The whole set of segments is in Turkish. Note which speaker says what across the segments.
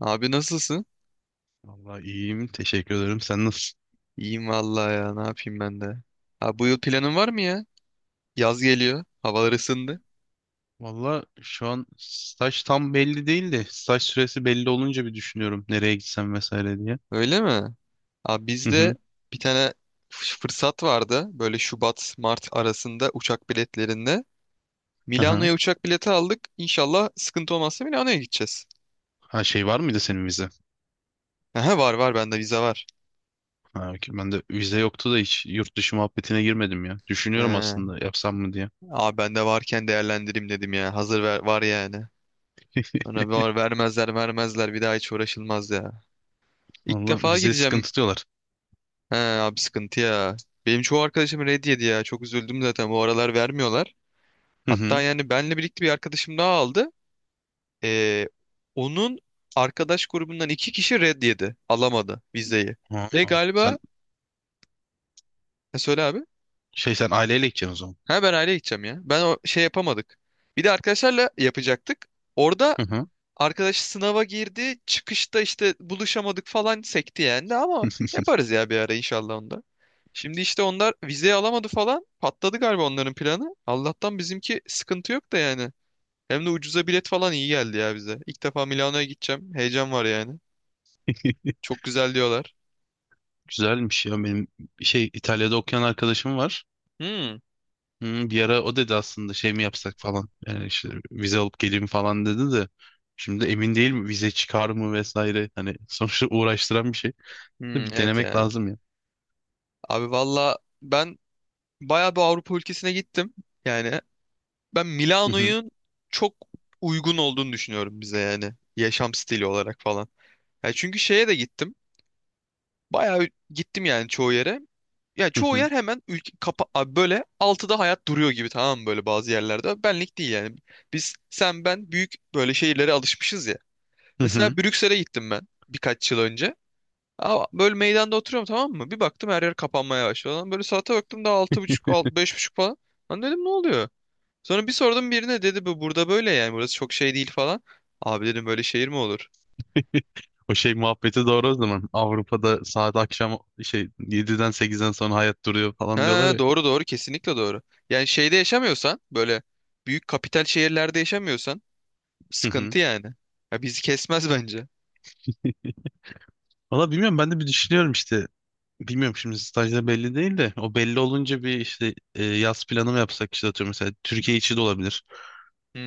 Speaker 1: Abi nasılsın?
Speaker 2: Vallahi iyiyim. Teşekkür ederim. Sen nasılsın?
Speaker 1: İyiyim vallahi ya. Ne yapayım ben de. Abi bu yıl planın var mı ya? Yaz geliyor. Havalar ısındı.
Speaker 2: Vallahi şu an staj tam belli değil de saç süresi belli olunca bir düşünüyorum nereye gitsem vesaire diye.
Speaker 1: Öyle mi? Abi
Speaker 2: Hı
Speaker 1: bizde
Speaker 2: hı.
Speaker 1: bir tane fırsat vardı. Böyle Şubat, Mart arasında uçak biletlerinde.
Speaker 2: Hı hı.
Speaker 1: Milano'ya uçak bileti aldık. İnşallah sıkıntı olmazsa Milano'ya gideceğiz.
Speaker 2: Ha şey var mıydı senin vize?
Speaker 1: Aha, var var bende vize var.
Speaker 2: Ha, okey. Ben de vize yoktu da hiç yurt dışı muhabbetine girmedim ya. Düşünüyorum
Speaker 1: He,
Speaker 2: aslında yapsam mı diye.
Speaker 1: abi bende varken değerlendireyim dedim ya. Hazır ver, var yani. Bana var vermezler vermezler bir daha hiç uğraşılmaz ya. İlk
Speaker 2: Vallahi
Speaker 1: defa
Speaker 2: vize
Speaker 1: gideceğim.
Speaker 2: sıkıntı diyorlar.
Speaker 1: He abi sıkıntı ya. Benim çoğu arkadaşım red yedi ya. Çok üzüldüm zaten. Bu aralar vermiyorlar.
Speaker 2: Hı
Speaker 1: Hatta
Speaker 2: hı.
Speaker 1: yani benle birlikte bir arkadaşım daha aldı. Ee, onun arkadaş grubundan iki kişi red yedi. Alamadı vizeyi.
Speaker 2: Ha,
Speaker 1: Ve
Speaker 2: sen
Speaker 1: galiba... Ha, söyle abi.
Speaker 2: şey sen aileyle gideceksin o zaman.
Speaker 1: Ha ben aileye gideceğim ya. Ben o şey yapamadık. Bir de arkadaşlarla yapacaktık. Orada
Speaker 2: Hı hı.
Speaker 1: arkadaş sınava girdi. Çıkışta işte buluşamadık falan sekti yani de ama yaparız ya bir ara inşallah onda. Şimdi işte onlar vizeyi alamadı falan. Patladı galiba onların planı. Allah'tan bizimki sıkıntı yok da yani. Hem de ucuza bilet falan iyi geldi ya bize. İlk defa Milano'ya gideceğim. Heyecan var yani. Çok güzel diyorlar.
Speaker 2: Güzelmiş ya benim şey İtalya'da okuyan arkadaşım var.
Speaker 1: Hmm.
Speaker 2: Hı, bir ara o dedi aslında şey mi yapsak falan. Yani işte vize alıp geleyim falan dedi de. Şimdi emin değilim vize çıkar mı vesaire. Hani sonuçta uğraştıran bir şey.
Speaker 1: Hmm,
Speaker 2: Bir
Speaker 1: evet
Speaker 2: denemek
Speaker 1: ya.
Speaker 2: lazım ya.
Speaker 1: Abi valla ben bayağı bir Avrupa ülkesine gittim. Yani ben
Speaker 2: Hı hı,
Speaker 1: Milano'nun çok uygun olduğunu düşünüyorum bize yani. Yaşam stili olarak falan. Ya çünkü şeye de gittim. Bayağı gittim yani çoğu yere. Ya
Speaker 2: hı
Speaker 1: çoğu
Speaker 2: hı,
Speaker 1: yer hemen ülke kapa abi böyle 6'da hayat duruyor gibi tamam mı böyle bazı yerlerde. Benlik değil yani. Biz sen ben büyük böyle şehirlere alışmışız ya.
Speaker 2: hı hı.
Speaker 1: Mesela Brüksel'e gittim ben birkaç yıl önce. Aa, böyle meydanda oturuyorum tamam mı? Bir baktım her yer kapanmaya başladı. Lan böyle saate baktım daha 6:30, 5:30 falan. Lan dedim ne oluyor? Sonra bir sordum birine dedi bu burada böyle yani burası çok şey değil falan. Abi dedim böyle şehir mi olur?
Speaker 2: O şey muhabbeti doğru o zaman. Avrupa'da saat akşam şey yediden sekizden sonra hayat duruyor falan diyorlar
Speaker 1: Ha,
Speaker 2: ya.
Speaker 1: doğru doğru kesinlikle doğru. Yani şeyde yaşamıyorsan böyle büyük kapital şehirlerde yaşamıyorsan
Speaker 2: Hı hı.
Speaker 1: sıkıntı yani. Ya bizi kesmez bence.
Speaker 2: Valla bilmiyorum ben de bir düşünüyorum işte. Bilmiyorum şimdi stajda belli değil de o belli olunca bir işte yaz planı mı yapsak işte atıyorum mesela Türkiye içi de olabilir.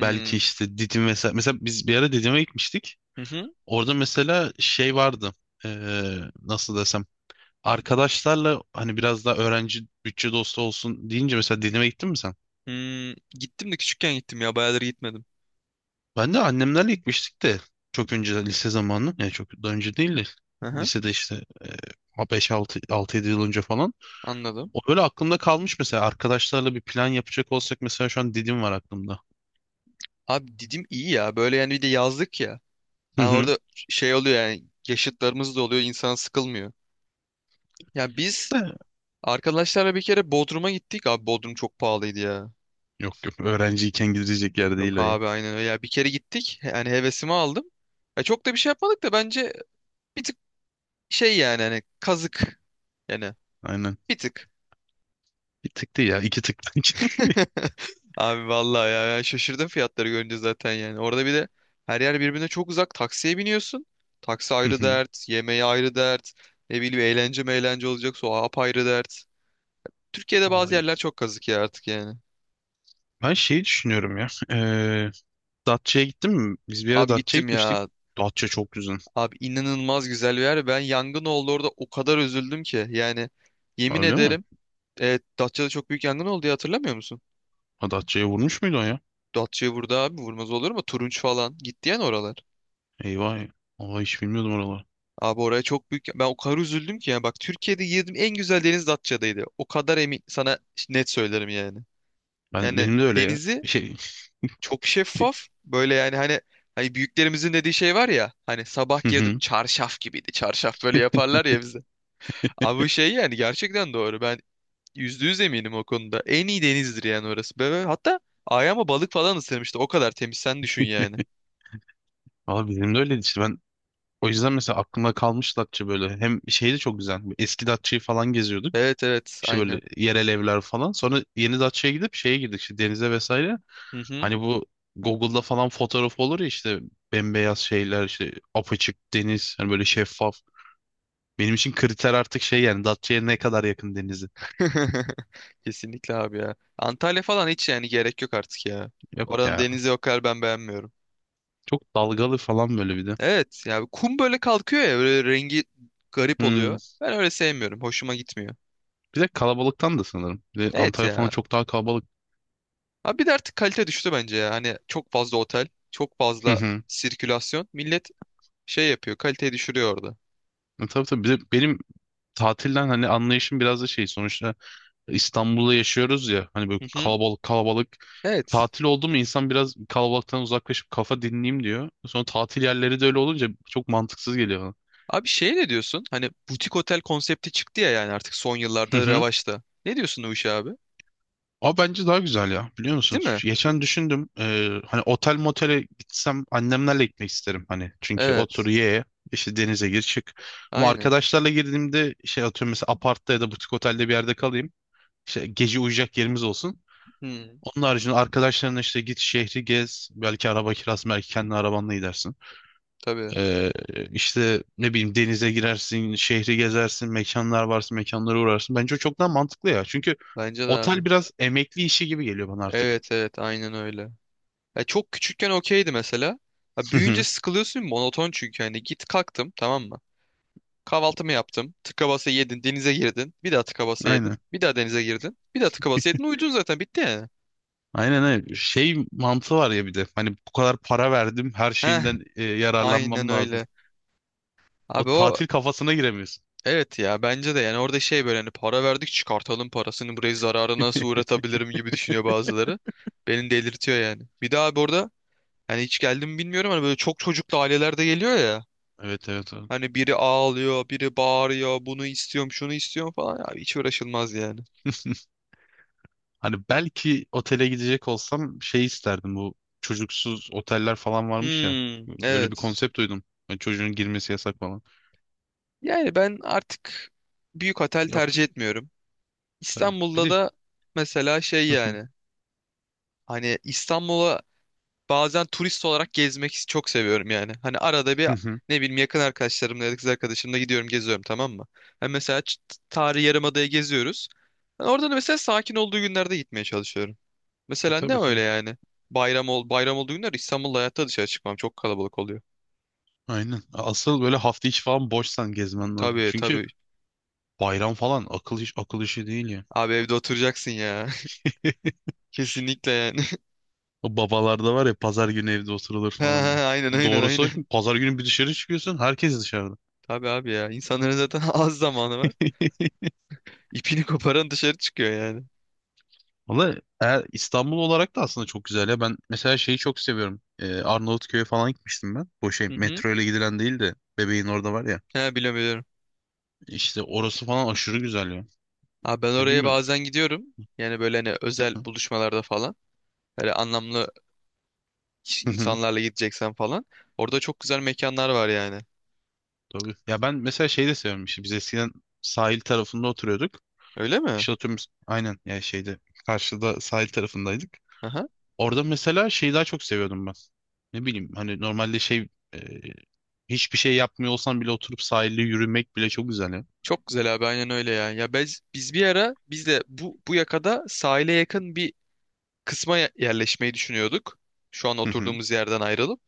Speaker 2: Belki işte Didim mesela. Mesela biz bir ara Didim'e gitmiştik.
Speaker 1: Hı hı.
Speaker 2: Orada mesela şey vardı. Ee, nasıl desem. Arkadaşlarla hani biraz daha öğrenci bütçe dostu olsun deyince mesela Didim'e gittin mi sen?
Speaker 1: Hmm. Gittim de küçükken gittim ya bayağıdır gitmedim.
Speaker 2: Ben de annemlerle gitmiştik de. Çok önce lise zamanı. Yani çok daha önce değil de.
Speaker 1: Hı hı.
Speaker 2: Lisede işte 5-6 6-7 yıl önce falan.
Speaker 1: Anladım.
Speaker 2: O böyle aklımda kalmış mesela. Arkadaşlarla bir plan yapacak olsak mesela şu an Didim var aklımda.
Speaker 1: Abi Didim iyi ya böyle yani bir de yazlık ya.
Speaker 2: Hı
Speaker 1: Ha
Speaker 2: hı.
Speaker 1: orada şey oluyor yani yaşıtlarımız da oluyor insan sıkılmıyor. Ya biz
Speaker 2: De-
Speaker 1: arkadaşlarla bir kere Bodrum'a gittik abi Bodrum çok pahalıydı ya.
Speaker 2: Yok yok öğrenciyken gidecek yer değil
Speaker 1: Yok
Speaker 2: o ya.
Speaker 1: abi aynen öyle ya bir kere gittik yani hevesimi aldım. Ya çok da bir şey yapmadık da bence bir tık şey yani hani kazık yani
Speaker 2: Aynen.
Speaker 1: bir tık.
Speaker 2: Bir tık değil ya. İki tık bence.
Speaker 1: Abi vallahi ya ben şaşırdım fiyatları görünce zaten yani. Orada bir de her yer birbirine çok uzak. Taksiye biniyorsun. Taksi ayrı
Speaker 2: Hı hı.
Speaker 1: dert, yemeği ayrı dert. Ne bileyim eğlence meğlence olacaksa o apayrı dert. Türkiye'de bazı yerler
Speaker 2: Vallahi.
Speaker 1: çok kazık ya artık yani.
Speaker 2: Ben şeyi düşünüyorum ya. Datça'ya gittin mi? Biz bir ara
Speaker 1: Abi
Speaker 2: Datça'ya
Speaker 1: gittim
Speaker 2: gitmiştik.
Speaker 1: ya.
Speaker 2: Datça çok güzel.
Speaker 1: Abi inanılmaz güzel bir yer. Ben yangın oldu orada o kadar üzüldüm ki. Yani yemin
Speaker 2: Öyle mi?
Speaker 1: ederim. Evet, Datça'da çok büyük yangın oldu ya hatırlamıyor musun?
Speaker 2: Ha Datça'ya vurmuş muydu o ya?
Speaker 1: Datça'ya vurdu abi vurmaz olur mu? Turunç falan. Gitti yani oralar.
Speaker 2: Eyvah ya. Vallahi hiç bilmiyordum oraları.
Speaker 1: Abi oraya çok büyük. Ben o kadar üzüldüm ki yani. Bak Türkiye'de girdim en güzel deniz Datça'daydı. O kadar emin sana net söylerim yani.
Speaker 2: Ben,
Speaker 1: Yani
Speaker 2: benim de öyle ya.
Speaker 1: denizi
Speaker 2: Şey.
Speaker 1: çok şeffaf. Böyle yani hani büyüklerimizin dediği şey var ya. Hani sabah
Speaker 2: Hı
Speaker 1: girdim
Speaker 2: hı.
Speaker 1: çarşaf gibiydi. Çarşaf böyle yaparlar ya bize. Abi bu şey yani gerçekten doğru. Ben %100 eminim o konuda. En iyi denizdir yani orası. Böyle, hatta ayağıma balık falan ısırmıştı. O kadar temiz sen düşün yani.
Speaker 2: Valla benim de öyleydi işte. Ben o yüzden mesela aklımda kalmış Datça böyle. Hem şey de çok güzel. Eski Datça'yı falan geziyorduk.
Speaker 1: Evet evet
Speaker 2: İşte böyle
Speaker 1: aynen.
Speaker 2: yerel evler falan. Sonra Yeni gidip şeye girdik işte denize vesaire.
Speaker 1: Hı hı.
Speaker 2: Hani bu Google'da falan fotoğraf olur ya işte bembeyaz şeyler işte apaçık deniz hani böyle şeffaf. Benim için kriter artık şey yani Datça'ya ne kadar yakın denizi.
Speaker 1: Kesinlikle abi ya. Antalya falan hiç yani gerek yok artık ya.
Speaker 2: Yok
Speaker 1: Oranın
Speaker 2: ya.
Speaker 1: denizi o kadar ben beğenmiyorum.
Speaker 2: Çok dalgalı falan böyle bir de.
Speaker 1: Evet ya kum böyle kalkıyor ya böyle rengi garip
Speaker 2: Hmm.
Speaker 1: oluyor. Ben öyle sevmiyorum. Hoşuma gitmiyor.
Speaker 2: Bir de kalabalıktan da sanırım. Bir de
Speaker 1: Evet
Speaker 2: Antalya falan
Speaker 1: ya.
Speaker 2: çok daha kalabalık.
Speaker 1: Abi bir de artık kalite düştü bence ya. Hani çok fazla otel, çok
Speaker 2: Hı
Speaker 1: fazla
Speaker 2: hı.
Speaker 1: sirkülasyon. Millet şey yapıyor, kaliteyi düşürüyor orada.
Speaker 2: E tabii tabii. Bir de benim tatilden hani anlayışım biraz da şey sonuçta İstanbul'da yaşıyoruz ya hani böyle
Speaker 1: Hı hı.
Speaker 2: kalabalık kalabalık
Speaker 1: Evet.
Speaker 2: tatil oldu mu insan biraz kalabalıktan uzaklaşıp kafa dinleyeyim diyor. Sonra tatil yerleri de öyle olunca çok mantıksız geliyor bana.
Speaker 1: Abi şey ne diyorsun? Hani butik otel konsepti çıktı ya yani artık son
Speaker 2: Hı
Speaker 1: yıllarda
Speaker 2: hı.
Speaker 1: revaçta. Ne diyorsun o işe abi?
Speaker 2: Ama bence daha güzel ya biliyor musun?
Speaker 1: Değil mi?
Speaker 2: Geçen düşündüm hani otel motele gitsem annemlerle gitmek isterim hani. Çünkü otur
Speaker 1: Evet.
Speaker 2: ye işte denize gir çık. Ama
Speaker 1: Aynen.
Speaker 2: arkadaşlarla girdiğimde şey atıyorum mesela apartta ya da butik otelde bir yerde kalayım. İşte gece uyuyacak yerimiz olsun.
Speaker 1: Hmm.
Speaker 2: Onun haricinde arkadaşlarına işte git şehri gez. Belki araba kirası, belki kendi arabanla gidersin.
Speaker 1: Tabii.
Speaker 2: Ee, işte ne bileyim denize girersin, şehri gezersin, mekanlar varsa mekanlara uğrarsın. Bence o çok daha mantıklı ya. Çünkü
Speaker 1: Bence de abi.
Speaker 2: otel biraz emekli işi gibi geliyor bana artık.
Speaker 1: Evet evet aynen öyle. Ya çok küçükken okeydi mesela. Ya
Speaker 2: Hı
Speaker 1: büyüyünce
Speaker 2: hı.
Speaker 1: sıkılıyorsun monoton çünkü hani git kalktım tamam mı? Kahvaltımı yaptım. Tıka basa yedin, denize girdin. Bir daha tıka basa yedin.
Speaker 2: Aynen.
Speaker 1: Bir daha denize girdin. Bir daha tıka basa yedin. Uyudun zaten bitti yani.
Speaker 2: Aynen aynen. Şey mantığı var ya bir de. Hani bu kadar para verdim, her
Speaker 1: Heh,
Speaker 2: şeyinden
Speaker 1: aynen
Speaker 2: yararlanmam lazım.
Speaker 1: öyle.
Speaker 2: O
Speaker 1: Abi o
Speaker 2: tatil kafasına giremiyorsun.
Speaker 1: evet ya bence de yani orada şey böyle hani para verdik çıkartalım parasını burayı zarara nasıl uğratabilirim gibi düşünüyor bazıları. Beni delirtiyor yani. Bir daha abi orada hani hiç geldim bilmiyorum hani böyle çok çocuklu aileler de geliyor ya.
Speaker 2: Evet evet evet.
Speaker 1: Hani biri ağlıyor, biri bağırıyor, bunu istiyorum, şunu istiyorum falan. Abi hiç uğraşılmaz yani.
Speaker 2: Hani belki otele gidecek olsam şey isterdim bu çocuksuz oteller falan varmış ya.
Speaker 1: Hmm,
Speaker 2: Öyle bir
Speaker 1: evet.
Speaker 2: konsept duydum. Yani çocuğun girmesi yasak falan.
Speaker 1: Yani ben artık büyük otel
Speaker 2: Yok ki
Speaker 1: tercih etmiyorum.
Speaker 2: tabii. Bir
Speaker 1: İstanbul'da
Speaker 2: de
Speaker 1: da mesela şey yani. Hani İstanbul'a bazen turist olarak gezmek çok seviyorum yani. Hani arada bir
Speaker 2: hı hı.
Speaker 1: ne bileyim yakın arkadaşlarımla ya da kız arkadaşımla gidiyorum geziyorum tamam mı? Hani mesela Tarihi Yarımada'ya geziyoruz. Yani orada da mesela sakin olduğu günlerde gitmeye çalışıyorum. Mesela ne
Speaker 2: Tabii
Speaker 1: öyle
Speaker 2: tabii.
Speaker 1: yani? Bayram ol bayram olduğu günler İstanbul'da hayatta dışarı çıkmam. Çok kalabalık oluyor.
Speaker 2: Aynen. Asıl böyle hafta içi falan boşsan gezmen lazım.
Speaker 1: Tabii
Speaker 2: Çünkü
Speaker 1: tabii.
Speaker 2: bayram falan akıl iş akıl işi değil ya.
Speaker 1: Abi evde oturacaksın ya. Kesinlikle yani.
Speaker 2: O babalarda var ya pazar günü evde oturulur
Speaker 1: Ha,
Speaker 2: falan
Speaker 1: ha,
Speaker 2: diye.
Speaker 1: ha, aynen aynen
Speaker 2: Doğrusu o.
Speaker 1: aynen.
Speaker 2: Şimdi pazar günü bir dışarı çıkıyorsun herkes dışarıda.
Speaker 1: Tabii abi ya. İnsanların zaten az zamanı var. İpini koparan dışarı çıkıyor yani.
Speaker 2: Valla eğer İstanbul olarak da aslında çok güzel ya. Ben mesela şeyi çok seviyorum. Arnavutköy'e falan gitmiştim ben. Bu şey
Speaker 1: Hı hı.
Speaker 2: metro ile gidilen değil de bebeğin orada var ya.
Speaker 1: He biliyorum biliyorum.
Speaker 2: İşte orası falan aşırı güzel ya.
Speaker 1: Abi ben
Speaker 2: Ya
Speaker 1: oraya
Speaker 2: bilmiyorum.
Speaker 1: bazen gidiyorum. Yani böyle hani özel buluşmalarda falan. Böyle anlamlı
Speaker 2: Hı hı.
Speaker 1: insanlarla gideceksen falan. Orada çok güzel mekanlar var yani.
Speaker 2: Tabii. Ya ben mesela şeyi de seviyorum. İşte biz eskiden sahil tarafında oturuyorduk.
Speaker 1: Öyle mi?
Speaker 2: İşte oturuyoruz. Aynen ya şeyde karşıda sahil tarafındaydık.
Speaker 1: Aha.
Speaker 2: Orada mesela şeyi daha çok seviyordum ben. Ne bileyim hani normalde şey hiçbir şey yapmıyor olsan bile oturup sahilde yürümek bile çok güzel ya.
Speaker 1: Çok güzel abi aynen öyle ya. Ya biz bir ara biz de bu yakada sahile yakın bir kısma yerleşmeyi düşünüyorduk. Şu an
Speaker 2: Hı hı.
Speaker 1: oturduğumuz yerden ayrılıp.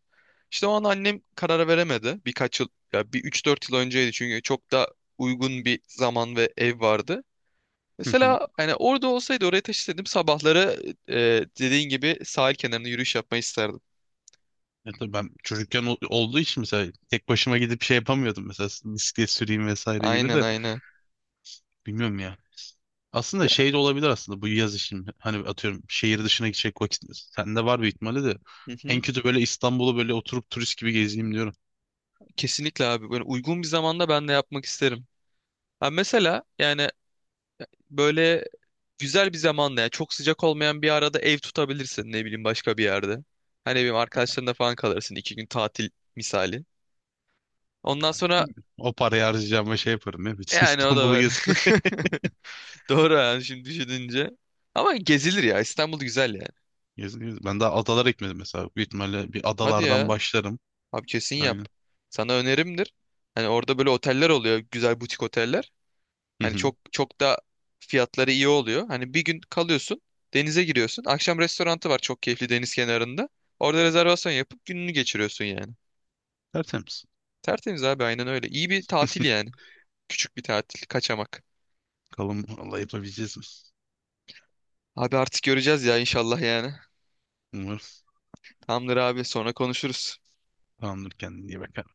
Speaker 1: İşte o an annem karar veremedi. Birkaç yıl ya bir 3-4 yıl önceydi çünkü çok da uygun bir zaman ve ev vardı. Mesela hani orada olsaydı oraya taşısaydım sabahları dediğin gibi sahil kenarında yürüyüş yapmayı isterdim.
Speaker 2: Ya tabii ben çocukken olduğu için mesela tek başıma gidip şey yapamıyordum mesela bisiklet süreyim vesaire gibi
Speaker 1: Aynen
Speaker 2: de
Speaker 1: aynen.
Speaker 2: bilmiyorum ya. Aslında
Speaker 1: Ya,
Speaker 2: şey de olabilir aslında bu yaz için hani atıyorum şehir dışına gidecek vakit sende var bir ihtimali de
Speaker 1: hı
Speaker 2: en
Speaker 1: hı.
Speaker 2: kötü böyle İstanbul'u böyle oturup turist gibi gezeyim diyorum.
Speaker 1: Kesinlikle abi böyle uygun bir zamanda ben de yapmak isterim. Ha mesela yani böyle güzel bir zamanda ya çok sıcak olmayan bir arada ev tutabilirsin ne bileyim başka bir yerde. Hani benim arkadaşlarında falan kalırsın 2 gün tatil misali. Ondan sonra
Speaker 2: Bilmiyorum. O parayı harcayacağıma şey yaparım ya bütün
Speaker 1: yani o da
Speaker 2: İstanbul'u
Speaker 1: var.
Speaker 2: gezerim.
Speaker 1: Doğru yani şimdi düşününce. Ama gezilir ya İstanbul güzel yani.
Speaker 2: Geziniyoruz. Ben daha adalara gitmedim mesela. Büyük ihtimalle bir
Speaker 1: Hadi
Speaker 2: adalardan
Speaker 1: ya
Speaker 2: başlarım.
Speaker 1: abi kesin yap.
Speaker 2: Aynen.
Speaker 1: Sana önerimdir. Hani orada böyle oteller oluyor güzel butik oteller.
Speaker 2: Hı
Speaker 1: Hani
Speaker 2: hı.
Speaker 1: çok çok da fiyatları iyi oluyor. Hani bir gün kalıyorsun denize giriyorsun. Akşam restorantı var çok keyifli deniz kenarında. Orada rezervasyon yapıp gününü geçiriyorsun yani.
Speaker 2: Tertemiz.
Speaker 1: Tertemiz abi aynen öyle. İyi bir tatil yani. Küçük bir tatil, kaçamak.
Speaker 2: Bakalım Allah yapabileceğiz mi?
Speaker 1: Abi artık göreceğiz ya inşallah yani.
Speaker 2: Umarım.
Speaker 1: Tamamdır abi sonra konuşuruz.
Speaker 2: Tamamdır kendine iyi bak.